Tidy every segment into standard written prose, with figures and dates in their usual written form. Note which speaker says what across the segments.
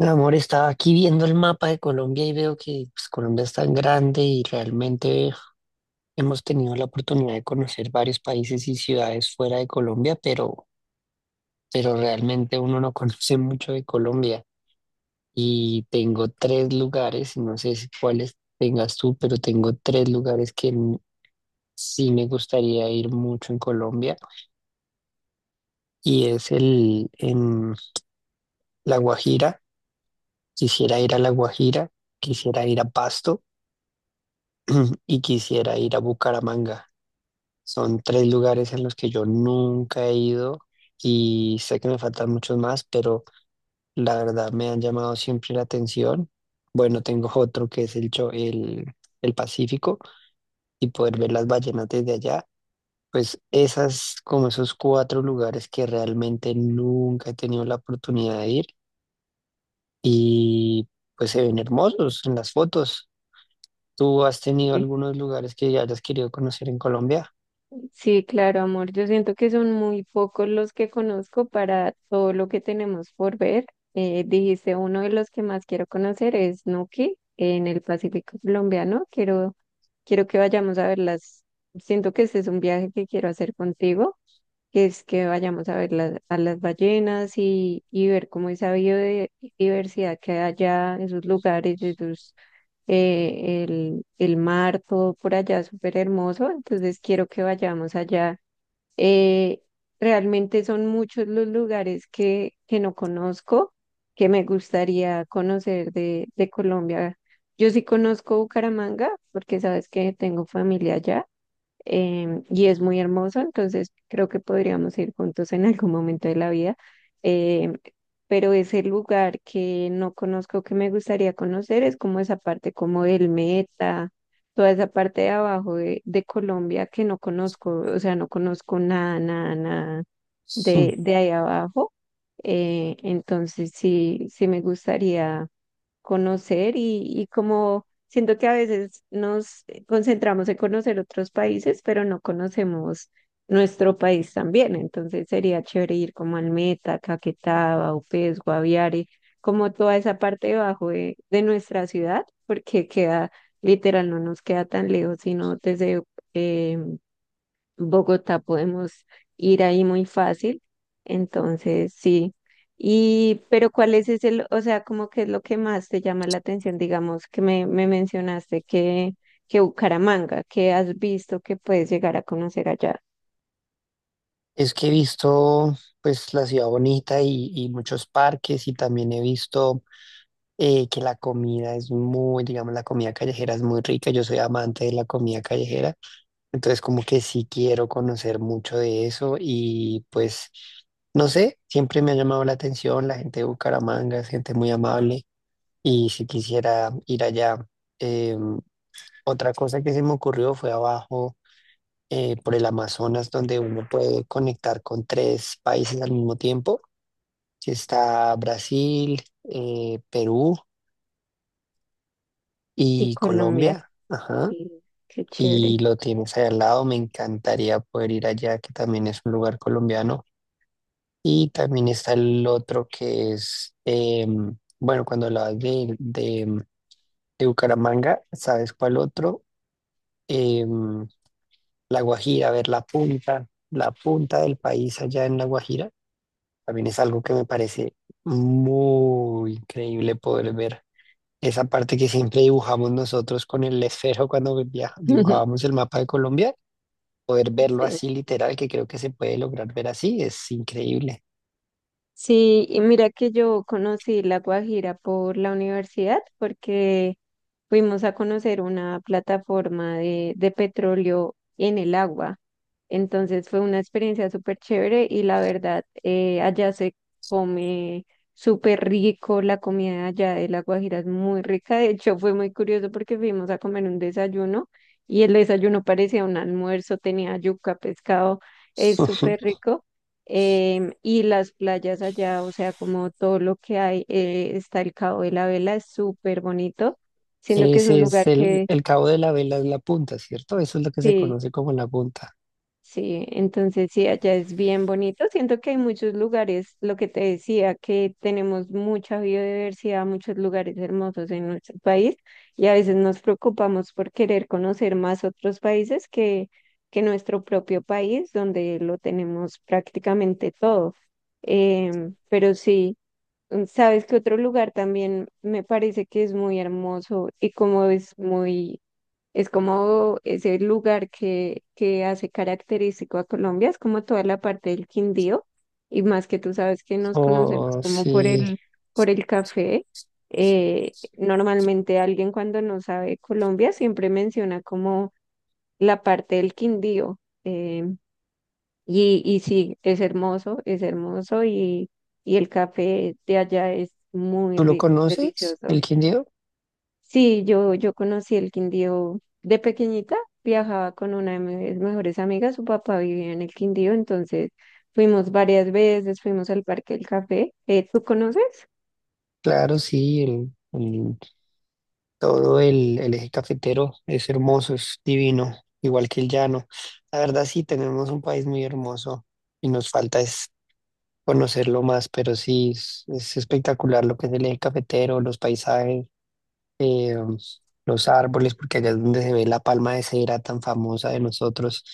Speaker 1: Mi amor, estaba aquí viendo el mapa de Colombia y veo que pues, Colombia es tan grande y realmente hemos tenido la oportunidad de conocer varios países y ciudades fuera de Colombia, pero realmente uno no conoce mucho de Colombia. Y tengo tres lugares, y no sé si cuáles tengas tú, pero tengo tres lugares que sí me gustaría ir mucho en Colombia. Y es el en La Guajira, quisiera ir a La Guajira, quisiera ir a Pasto y quisiera ir a Bucaramanga. Son tres lugares en los que yo nunca he ido y sé que me faltan muchos más, pero la verdad me han llamado siempre la atención. Bueno, tengo otro que es el Pacífico y poder ver las ballenas desde allá. Pues esas, como esos cuatro lugares que realmente nunca he tenido la oportunidad de ir y pues se ven hermosos en las fotos. ¿Tú has tenido
Speaker 2: Sí,
Speaker 1: algunos lugares que hayas querido conocer en Colombia?
Speaker 2: sí, claro, amor. Yo siento que son muy pocos los que conozco para todo lo que tenemos por ver. Dijiste, uno de los que más quiero conocer es Nuki en el Pacífico colombiano. Quiero que vayamos a verlas. Siento que ese es un viaje que quiero hacer contigo, que es que vayamos a ver las, a las ballenas, y ver cómo esa biodiversidad que hay allá, esos lugares, el mar, todo por allá súper hermoso. Entonces quiero que vayamos allá. Eh, Realmente son muchos los lugares que no conozco, que me gustaría conocer de Colombia. Yo sí conozco Bucaramanga porque sabes que tengo familia allá, y es muy hermoso, entonces creo que podríamos ir juntos en algún momento de la vida. em, pero ese lugar que no conozco, que me gustaría conocer, es como esa parte como del Meta, toda esa parte de abajo de Colombia que no conozco, o sea, no conozco nada, nada, nada de, de ahí abajo. Entonces sí, sí me gustaría conocer, y como siento que a veces nos concentramos en conocer otros países, pero no conocemos nuestro país también. Entonces sería chévere ir como Almeta, Caquetá, Vaupés, Guaviare, como toda esa parte de abajo de nuestra ciudad, porque queda, literal, no nos queda tan lejos, sino desde eh, Bogotá podemos ir ahí muy fácil, entonces sí. Y, pero ¿cuál es ese, o sea, como que es lo que más te llama la atención, digamos, que me mencionaste que Bucaramanga, que has visto que puedes llegar a conocer allá
Speaker 1: Es que he visto pues la ciudad bonita y muchos parques y también he visto que la comida es muy, digamos, la comida callejera es muy rica. Yo soy amante de la comida callejera, entonces como que sí quiero conocer mucho de eso y pues no sé, siempre me ha llamado la atención la gente de Bucaramanga, es gente muy amable y si quisiera ir allá. Em, Otra cosa que se me ocurrió fue abajo por el Amazonas, donde uno puede conectar con tres países al mismo tiempo, que está Brasil, Perú
Speaker 2: y
Speaker 1: y
Speaker 2: Colombia?
Speaker 1: Colombia, ajá,
Speaker 2: Sí, qué
Speaker 1: y
Speaker 2: chévere.
Speaker 1: lo tienes ahí al lado, me encantaría poder ir allá, que también es un lugar colombiano, y también está el otro que es, bueno, cuando hablabas de Bucaramanga, ¿sabes cuál otro? Em, La Guajira, a ver, la punta del país allá en La Guajira también es algo que me parece muy increíble poder ver. Esa parte que siempre dibujamos nosotros con el esfero cuando dibujábamos el mapa de Colombia, poder verlo
Speaker 2: Sí.
Speaker 1: así literal, que creo que se puede lograr ver así, es increíble.
Speaker 2: Sí, y mira que yo conocí La Guajira por la universidad porque fuimos a conocer una plataforma de petróleo en el agua. Entonces fue una experiencia súper chévere y la verdad, allá se come súper rico, la comida allá de La Guajira es muy rica. De hecho, fue muy curioso porque fuimos a comer un desayuno y el desayuno parecía un almuerzo, tenía yuca, pescado, es súper rico, y las playas allá, o sea, como todo lo que hay, está el Cabo de la Vela, es súper bonito, siento que es un
Speaker 1: Ese es
Speaker 2: lugar
Speaker 1: el,
Speaker 2: que,
Speaker 1: el cabo de la vela, es la punta, ¿cierto? Eso es lo que se
Speaker 2: sí,
Speaker 1: conoce como la punta.
Speaker 2: sí, entonces sí, allá es bien bonito, siento que hay muchos lugares, lo que te decía, que tenemos mucha biodiversidad, muchos lugares hermosos en nuestro país, y a veces nos preocupamos por querer conocer más otros países que nuestro propio país, donde lo tenemos prácticamente todo. Pero sí. Sabes que otro lugar también me parece que es muy hermoso y como es muy, es como ese lugar que hace característico a Colombia, es como toda la parte del Quindío, y más que tú sabes que nos conocemos
Speaker 1: O
Speaker 2: como
Speaker 1: si
Speaker 2: por el café. Normalmente alguien cuando no sabe Colombia siempre menciona como la parte del Quindío. Y, y sí, es hermoso, es hermoso, y el café de allá es muy
Speaker 1: tú lo
Speaker 2: rico,
Speaker 1: conoces,
Speaker 2: delicioso.
Speaker 1: el Quindío,
Speaker 2: Sí, yo conocí el Quindío de pequeñita, viajaba con una de mis mejores amigas, su papá vivía en el Quindío, entonces fuimos varias veces, fuimos al Parque del Café. Tú conoces?
Speaker 1: claro, sí, el todo, el eje cafetero es hermoso, es divino, igual que el llano. La verdad sí tenemos un país muy hermoso y nos falta es conocerlo más, pero sí es espectacular lo que es el eje cafetero, los paisajes, eh, los árboles, porque allá es donde se ve la palma de cera tan famosa de nosotros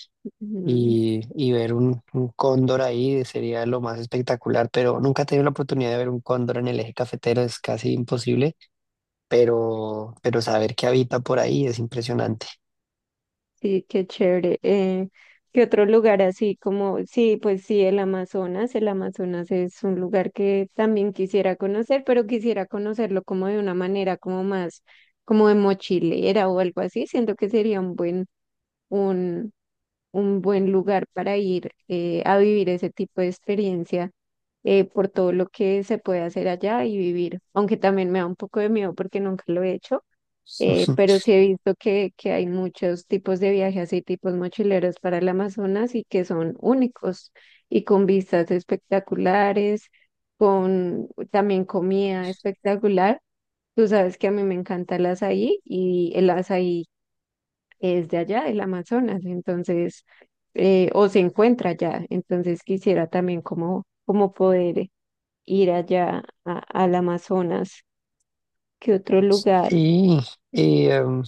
Speaker 2: Ujú.
Speaker 1: y ver un cóndor ahí sería lo más espectacular, pero nunca he tenido la oportunidad de ver un cóndor en el eje cafetero, es casi imposible pero saber que habita por ahí es impresionante.
Speaker 2: Sí, qué chévere. ¿Qué otro lugar así como, sí, pues sí, el Amazonas? El Amazonas es un lugar que también quisiera conocer, pero quisiera conocerlo como de una manera como más, como de mochilera o algo así. Siento que sería un, un buen lugar para ir, a vivir ese tipo de experiencia, por todo lo que se puede hacer allá y vivir. Aunque también me da un poco de miedo porque nunca lo he hecho. Pero sí he visto que hay muchos tipos de viajes y tipos mochileros para el Amazonas y que son únicos y con vistas espectaculares, con también comida espectacular. Tú sabes que a mí me encanta el azaí, y el azaí es de allá, el Amazonas, entonces, o se encuentra allá. Entonces quisiera también como, como poder ir allá al Amazonas. ¿Qué otro lugar?
Speaker 1: Sí y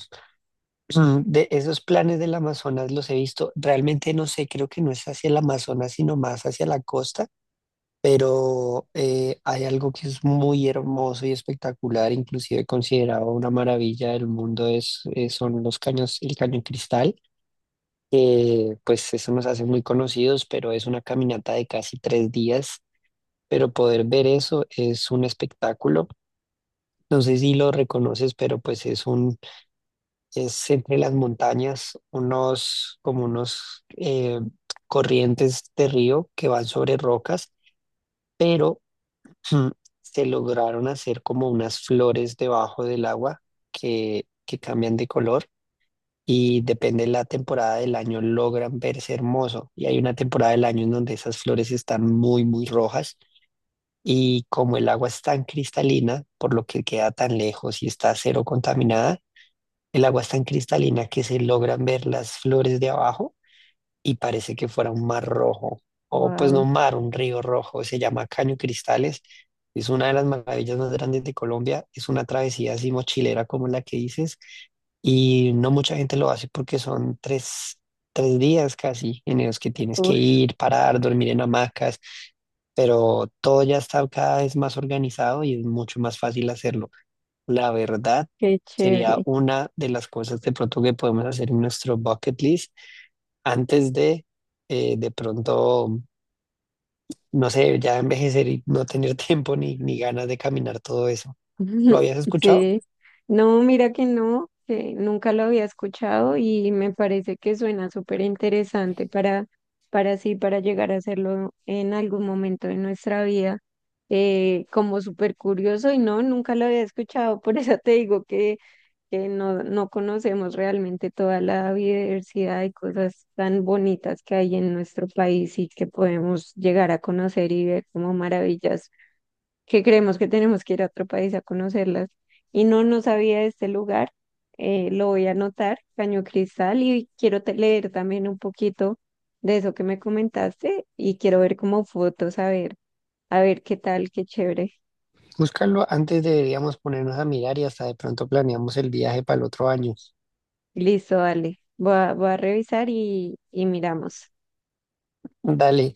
Speaker 1: de esos planes del Amazonas los he visto, realmente no sé, creo que no es hacia el Amazonas, sino más hacia la costa, pero hay algo que es muy hermoso y espectacular, inclusive considerado una maravilla del mundo, es, son los caños, el cañón Cristal, que pues eso nos hace muy conocidos, pero es una caminata de casi tres días, pero poder ver eso es un espectáculo. No sé si lo reconoces, pero pues es un, es entre las montañas unos, como unos corrientes de río que van sobre rocas, pero mm, se lograron hacer como unas flores debajo del agua que cambian de color y depende de la temporada del año logran verse hermoso. Y hay una temporada del año en donde esas flores están muy, muy rojas. Y como el agua es tan cristalina, por lo que queda tan lejos y está cero contaminada, el agua es tan cristalina que se logran ver las flores de abajo y parece que fuera un mar rojo, o pues no
Speaker 2: Wow,
Speaker 1: un mar, un río rojo, se llama Caño Cristales, es una de las maravillas más grandes de Colombia, es una travesía así mochilera como la que dices, y no mucha gente lo hace porque son tres días casi en los que tienes que ir, parar, dormir en hamacas, pero todo ya está cada vez más organizado y es mucho más fácil hacerlo. La verdad
Speaker 2: qué
Speaker 1: sería
Speaker 2: chévere.
Speaker 1: una de las cosas de pronto que podemos hacer en nuestro bucket list antes de pronto, no sé, ya envejecer y no tener tiempo ni ganas de caminar todo eso. ¿Lo habías escuchado?
Speaker 2: Sí, no, mira que no, que nunca lo había escuchado y me parece que suena súper interesante para sí, para llegar a hacerlo en algún momento de nuestra vida, como súper curioso, y no, nunca lo había escuchado, por eso te digo que no, no conocemos realmente toda la diversidad y cosas tan bonitas que hay en nuestro país y que podemos llegar a conocer y ver como maravillas que creemos que tenemos que ir a otro país a conocerlas. Y no, no sabía de este lugar, lo voy a anotar, Caño Cristal, y quiero leer también un poquito de eso que me comentaste, y quiero ver como fotos, a ver qué tal, qué chévere.
Speaker 1: Búscalo antes deberíamos ponernos a mirar y hasta de pronto planeamos el viaje para el otro año.
Speaker 2: Listo, dale. Voy a, voy a revisar y miramos.
Speaker 1: Dale,